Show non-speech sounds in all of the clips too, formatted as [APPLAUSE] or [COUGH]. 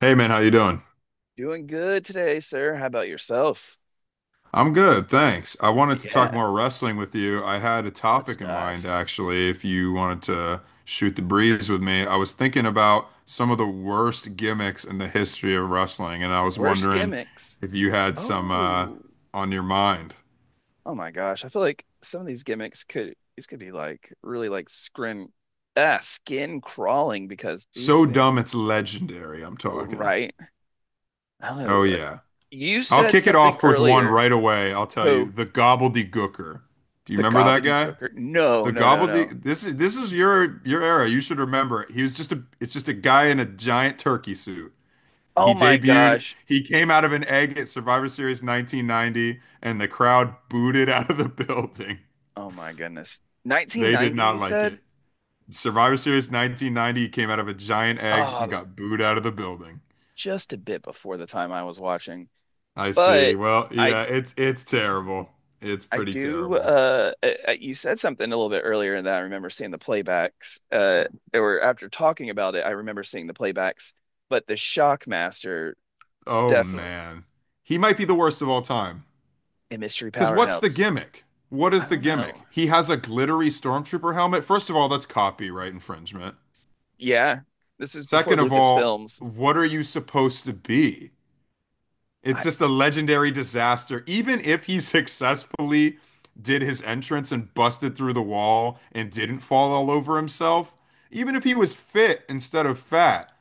Hey man, how you doing? Doing good today, sir. How about yourself? I'm good, thanks. I wanted to talk Yeah, more wrestling with you. I had a let's topic in mind dive. actually, if you wanted to shoot the breeze with me. I was thinking about some of the worst gimmicks in the history of wrestling, and I was Worst wondering gimmicks. if you had some Oh, on your mind. oh my gosh. I feel like some of these gimmicks could these could be like really like skin skin crawling because these So things dumb it's legendary, I'm talking. right. I don't know. Oh yeah. You I'll said kick it something off with one earlier. right away. I'll tell you, Who? the gobbledygooker. Do you The remember that guy? gobbledygooker? No, The no, no, no. gobbledygook. This is your era. You should remember. He was just a. It's just a guy in a giant turkey suit. He Oh my debuted. gosh. He came out of an egg at Survivor Series 1990, and the crowd booed it out of the [LAUGHS] building. Oh my goodness. They did 1990, not you like said? it. Survivor Series 1990, he came out of a giant egg Ah, and got booed out of the building. just a bit before the time I was watching. I see. But Well, I yeah, it's terrible. It's I pretty do terrible. You said something a little bit earlier and that I remember seeing the playbacks. There were after talking about it, I remember seeing the playbacks, but the Shockmaster Oh definitely man. He might be the worst of all time. a mystery Because what's the powerhouse. gimmick? What is I the don't know. gimmick? He has a glittery stormtrooper helmet. First of all, that's copyright infringement. Yeah. This is before Second of all, Lucasfilms. what are you supposed to be? It's I, just a legendary disaster. Even if he [LAUGHS] successfully did his entrance and busted through the wall and didn't fall all over himself, even if he was fit instead of fat,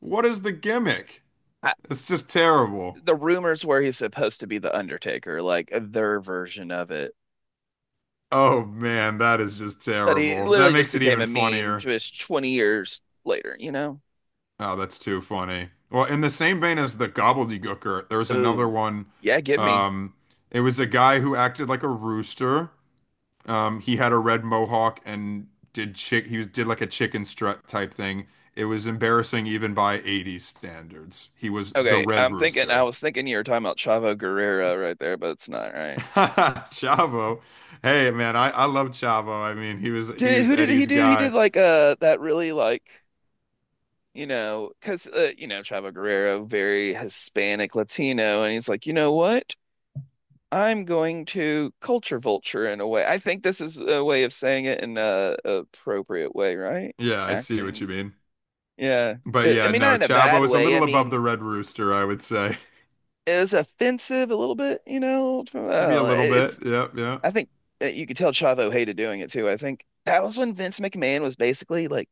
what is the gimmick? I It's just terrible. The rumors were he's supposed to be the Undertaker, like their version of it. Oh man, that is just But he terrible. That literally just makes it became even a meme funnier. just 20 years later, you know? Oh, that's too funny. Well, in the same vein as the gobbledygooker, there's another Ooh. one. Yeah, give me. Um, it was a guy who acted like a rooster. He had a red mohawk and did chick. He was did like a chicken strut type thing. It was embarrassing even by 80s standards. He was the Okay, Red I Rooster. was thinking you were talking about Chavo Guerrero right there, but it's not [LAUGHS] right. Chavo. Hey, man, I love Chavo. I mean, he was he Did was who did he Eddie's do? He did guy. like that really like you know Chavo Guerrero very Hispanic Latino, and he's like, you know what? I'm going to culture vulture in a way. I think this is a way of saying it in a appropriate way, right? Yeah, I see what you Acting, mean. yeah. But I yeah, mean, not no, in a Chavo bad is a way. I little above the mean, Red Rooster, I would say. [LAUGHS] it was offensive a little bit, you know. I don't Maybe a know. little It- bit. It's Yeah, yeah. I think you could tell Chavo hated doing it too. I think that was when Vince McMahon was basically like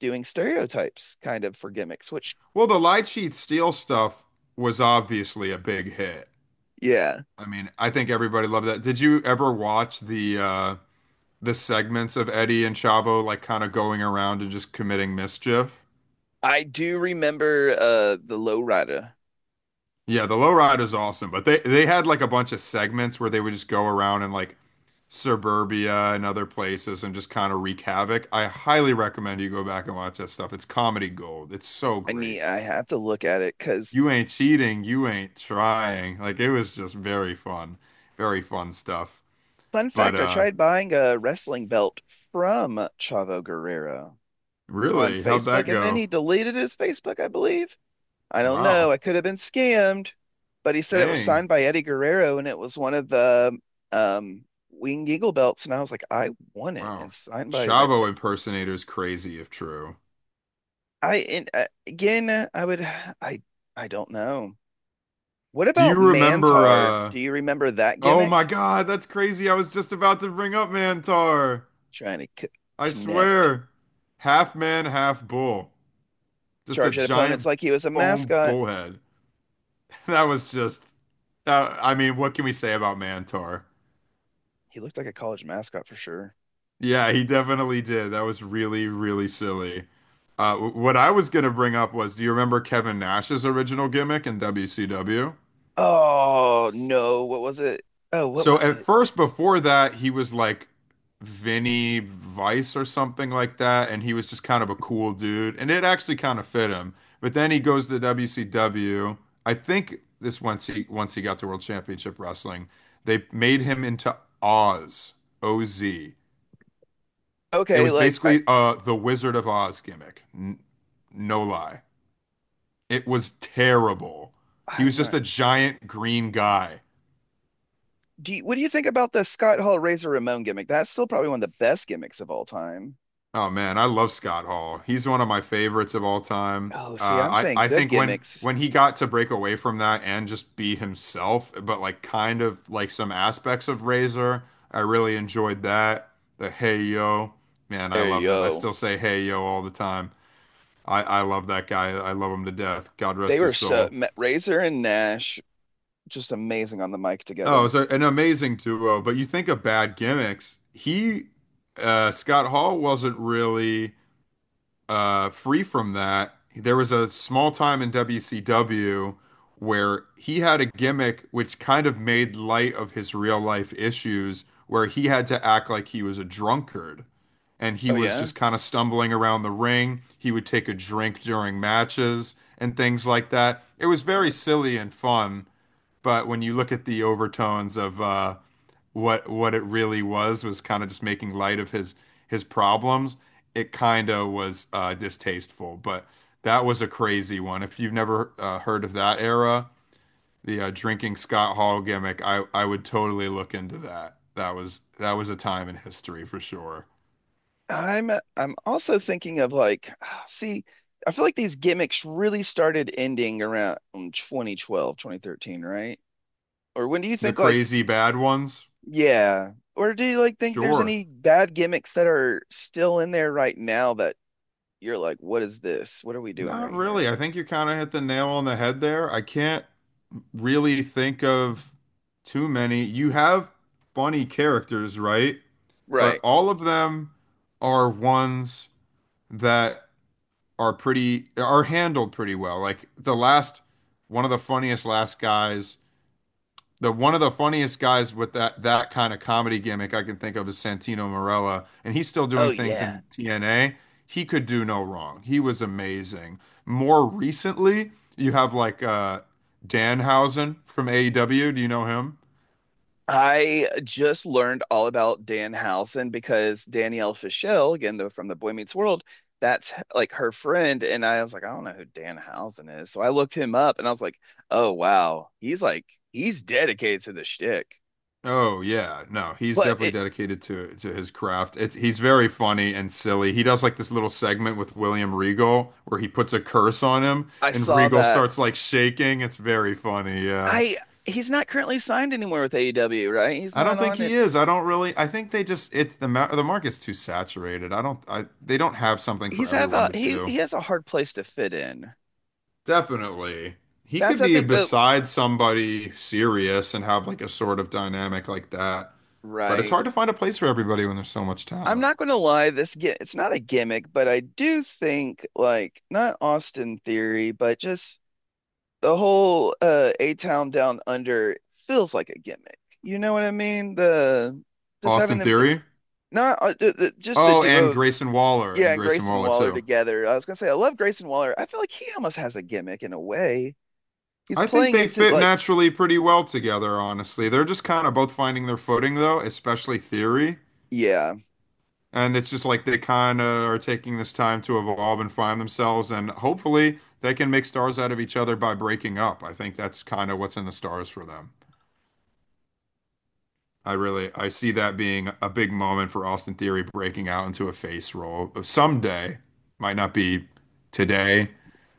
doing stereotypes kind of for gimmicks, which Well, the Lie Cheat Steal stuff was obviously a big hit. yeah, I mean, I think everybody loved that. Did you ever watch the segments of Eddie and Chavo like kind of going around and just committing mischief? I do remember the lowrider. Yeah, the Lowrider is awesome, but they had like a bunch of segments where they would just go around and like suburbia and other places and just kind of wreak havoc. I highly recommend you go back and watch that stuff. It's comedy gold. It's so great. I have to look at it because You ain't cheating, you ain't trying. Like it was just very fun. Very fun stuff. fun But fact, I tried buying a wrestling belt from Chavo Guerrero on really, how'd Facebook that and then go? he deleted his Facebook, I believe. I don't know. Wow. I could have been scammed, but he said it was Dang. signed by Eddie Guerrero and it was one of the um Winged Eagle belts. And I was like, I want it Wow. and signed by Red. Chavo impersonator's crazy if true. I and again, I would, I, I don't know. What Do about you remember Mantar? Do you remember that oh gimmick? my God, that's crazy. I was just about to bring up Mantar. Trying to c I Connect, swear. Half man, half bull. Just a charge at opponents giant like he was a foam mascot. bullhead. [LAUGHS] That was just I mean, what can we say about Mantar? He looked like a college mascot for sure. Yeah, he definitely did. That was really, really silly. What I was going to bring up was, do you remember Kevin Nash's original gimmick in WCW? Oh no, what was it? Oh, what So was at it? first, before that, he was like Vinny Vice or something like that, and he was just kind of a cool dude, and it actually kind of fit him. But then he goes to WCW. I think this once he got to World Championship Wrestling, they made him into Oz, OZ. It Okay, was like I, basically the Wizard of Oz gimmick. No lie. It was terrible. He I'm was just not. a giant green guy. Do you, what do you think about the Scott Hall Razor Ramon gimmick? That's still probably one of the best gimmicks of all time. Oh man, I love Scott Hall. He's one of my favorites of all time. Oh, see, I'm Uh, I saying I good think when gimmicks. when he got to break away from that and just be himself, but like kind of like some aspects of Razor, I really enjoyed that. The hey yo, man, I There you love that. I go. still say hey yo all the time. I love that guy. I love him to death. God They rest were his so soul. Razor and Nash just amazing on the mic Oh, it's together. an amazing duo, but you think of bad gimmicks. Scott Hall wasn't really free from that. There was a small time in WCW where he had a gimmick which kind of made light of his real life issues, where he had to act like he was a drunkard and he Oh was yeah. just kind of stumbling around the ring. He would take a drink during matches and things like that. It was Oh my very silly and fun, but when you look at the overtones of, what it really was kind of just making light of his problems. It kind of was distasteful, but that was a crazy one. If you've never heard of that era, the drinking Scott Hall gimmick, I would totally look into that. That was a time in history for sure. God. I'm also thinking of like, [SIGHS] see, I feel like these gimmicks really started ending around 2012, 2013, right? Or when do you The think like, crazy bad ones, yeah, or do you like think there's sure. any bad gimmicks that are still in there right now that you're like, what is this? What are we doing Not right really. here? I think you kind of hit the nail on the head there. I can't really think of too many. You have funny characters, right? But Right. all of them are ones that are handled pretty well. Like the last one of the funniest last guys, the one of the funniest guys with that kind of comedy gimmick I can think of is Santino Marella, and he's still Oh doing things yeah. in TNA. He could do no wrong. He was amazing. More recently, you have like Danhausen from AEW. Do you know him? I just learned all about Dan Housen because Danielle Fischel, again, though from the Boy Meets World, that's like her friend. And I was like, I don't know who Dan Housen is. So I looked him up and I was like, oh wow. He's dedicated to the shtick. Oh yeah, no, he's But definitely it, dedicated to his craft. It's he's very funny and silly. He does like this little segment with William Regal where he puts a curse on him I and saw Regal that starts like shaking. It's very funny. Yeah. I he's not currently signed anywhere with AEW, right? He's I not don't think on he it. is. I don't really. I think they just it's the ma the market's too saturated. I don't I they don't have something for everyone to do. He has a hard place to fit in. Definitely. He That's could I be think beside somebody serious and have like a sort of dynamic like that. But it's right. hard to find a place for everybody when there's so much I'm talent. not going to lie, this get it's not a gimmick, but I do think like not Austin Theory, but just the whole A Town Down Under feels like a gimmick. You know what I mean? The just having Austin them to, Theory? not the, just the Oh, duo and of Yeah, and Grayson Grayson Waller Waller too. together. I was gonna say I love Grayson Waller. I feel like he almost has a gimmick in a way. He's I think playing they into fit like naturally pretty well together, honestly. They're just kind of both finding their footing though, especially Theory. yeah, And it's just like they kind of are taking this time to evolve and find themselves, and hopefully they can make stars out of each other by breaking up. I think that's kind of what's in the stars for them. I see that being a big moment for Austin Theory breaking out into a face role someday. Might not be today,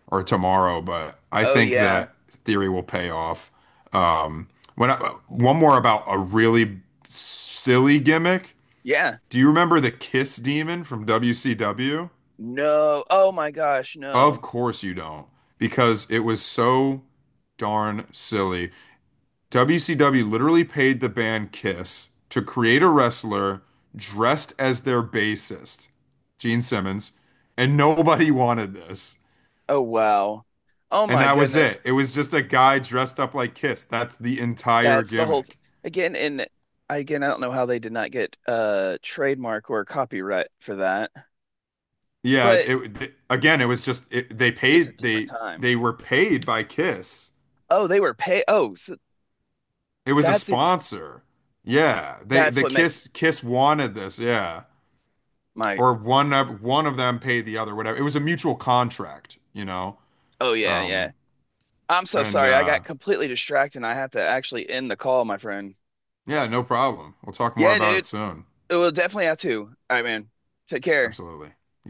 or tomorrow, but I oh think yeah, that theory will pay off. Um, when I, one more about a really silly gimmick. yeah, Do you remember the Kiss Demon from WCW? no, oh my gosh, Of no, course you don't, because it was so darn silly. WCW literally paid the band Kiss to create a wrestler dressed as their bassist, Gene Simmons, and nobody [LAUGHS] wanted this. oh wow. Oh And my that was goodness. it. It was just a guy dressed up like Kiss. That's the entire That's the whole th- gimmick. Again, I don't know how they did not get a trademark or copyright for that, Yeah, but again, it was just they it's a paid different time. they were paid by Kiss. Oh, they were pay. Oh, so It was a that's even fu- sponsor. Yeah, they that's the what makes Kiss wanted this. Yeah, my. or one of them paid the other. Whatever. It was a mutual contract, you know. Oh yeah, Um, yeah. I'm so and sorry. I got completely distracted. And I have to actually end the call, my friend. yeah, no problem. We'll talk more Yeah, about it dude. soon. It will definitely have to. All right, man. Take care. Absolutely.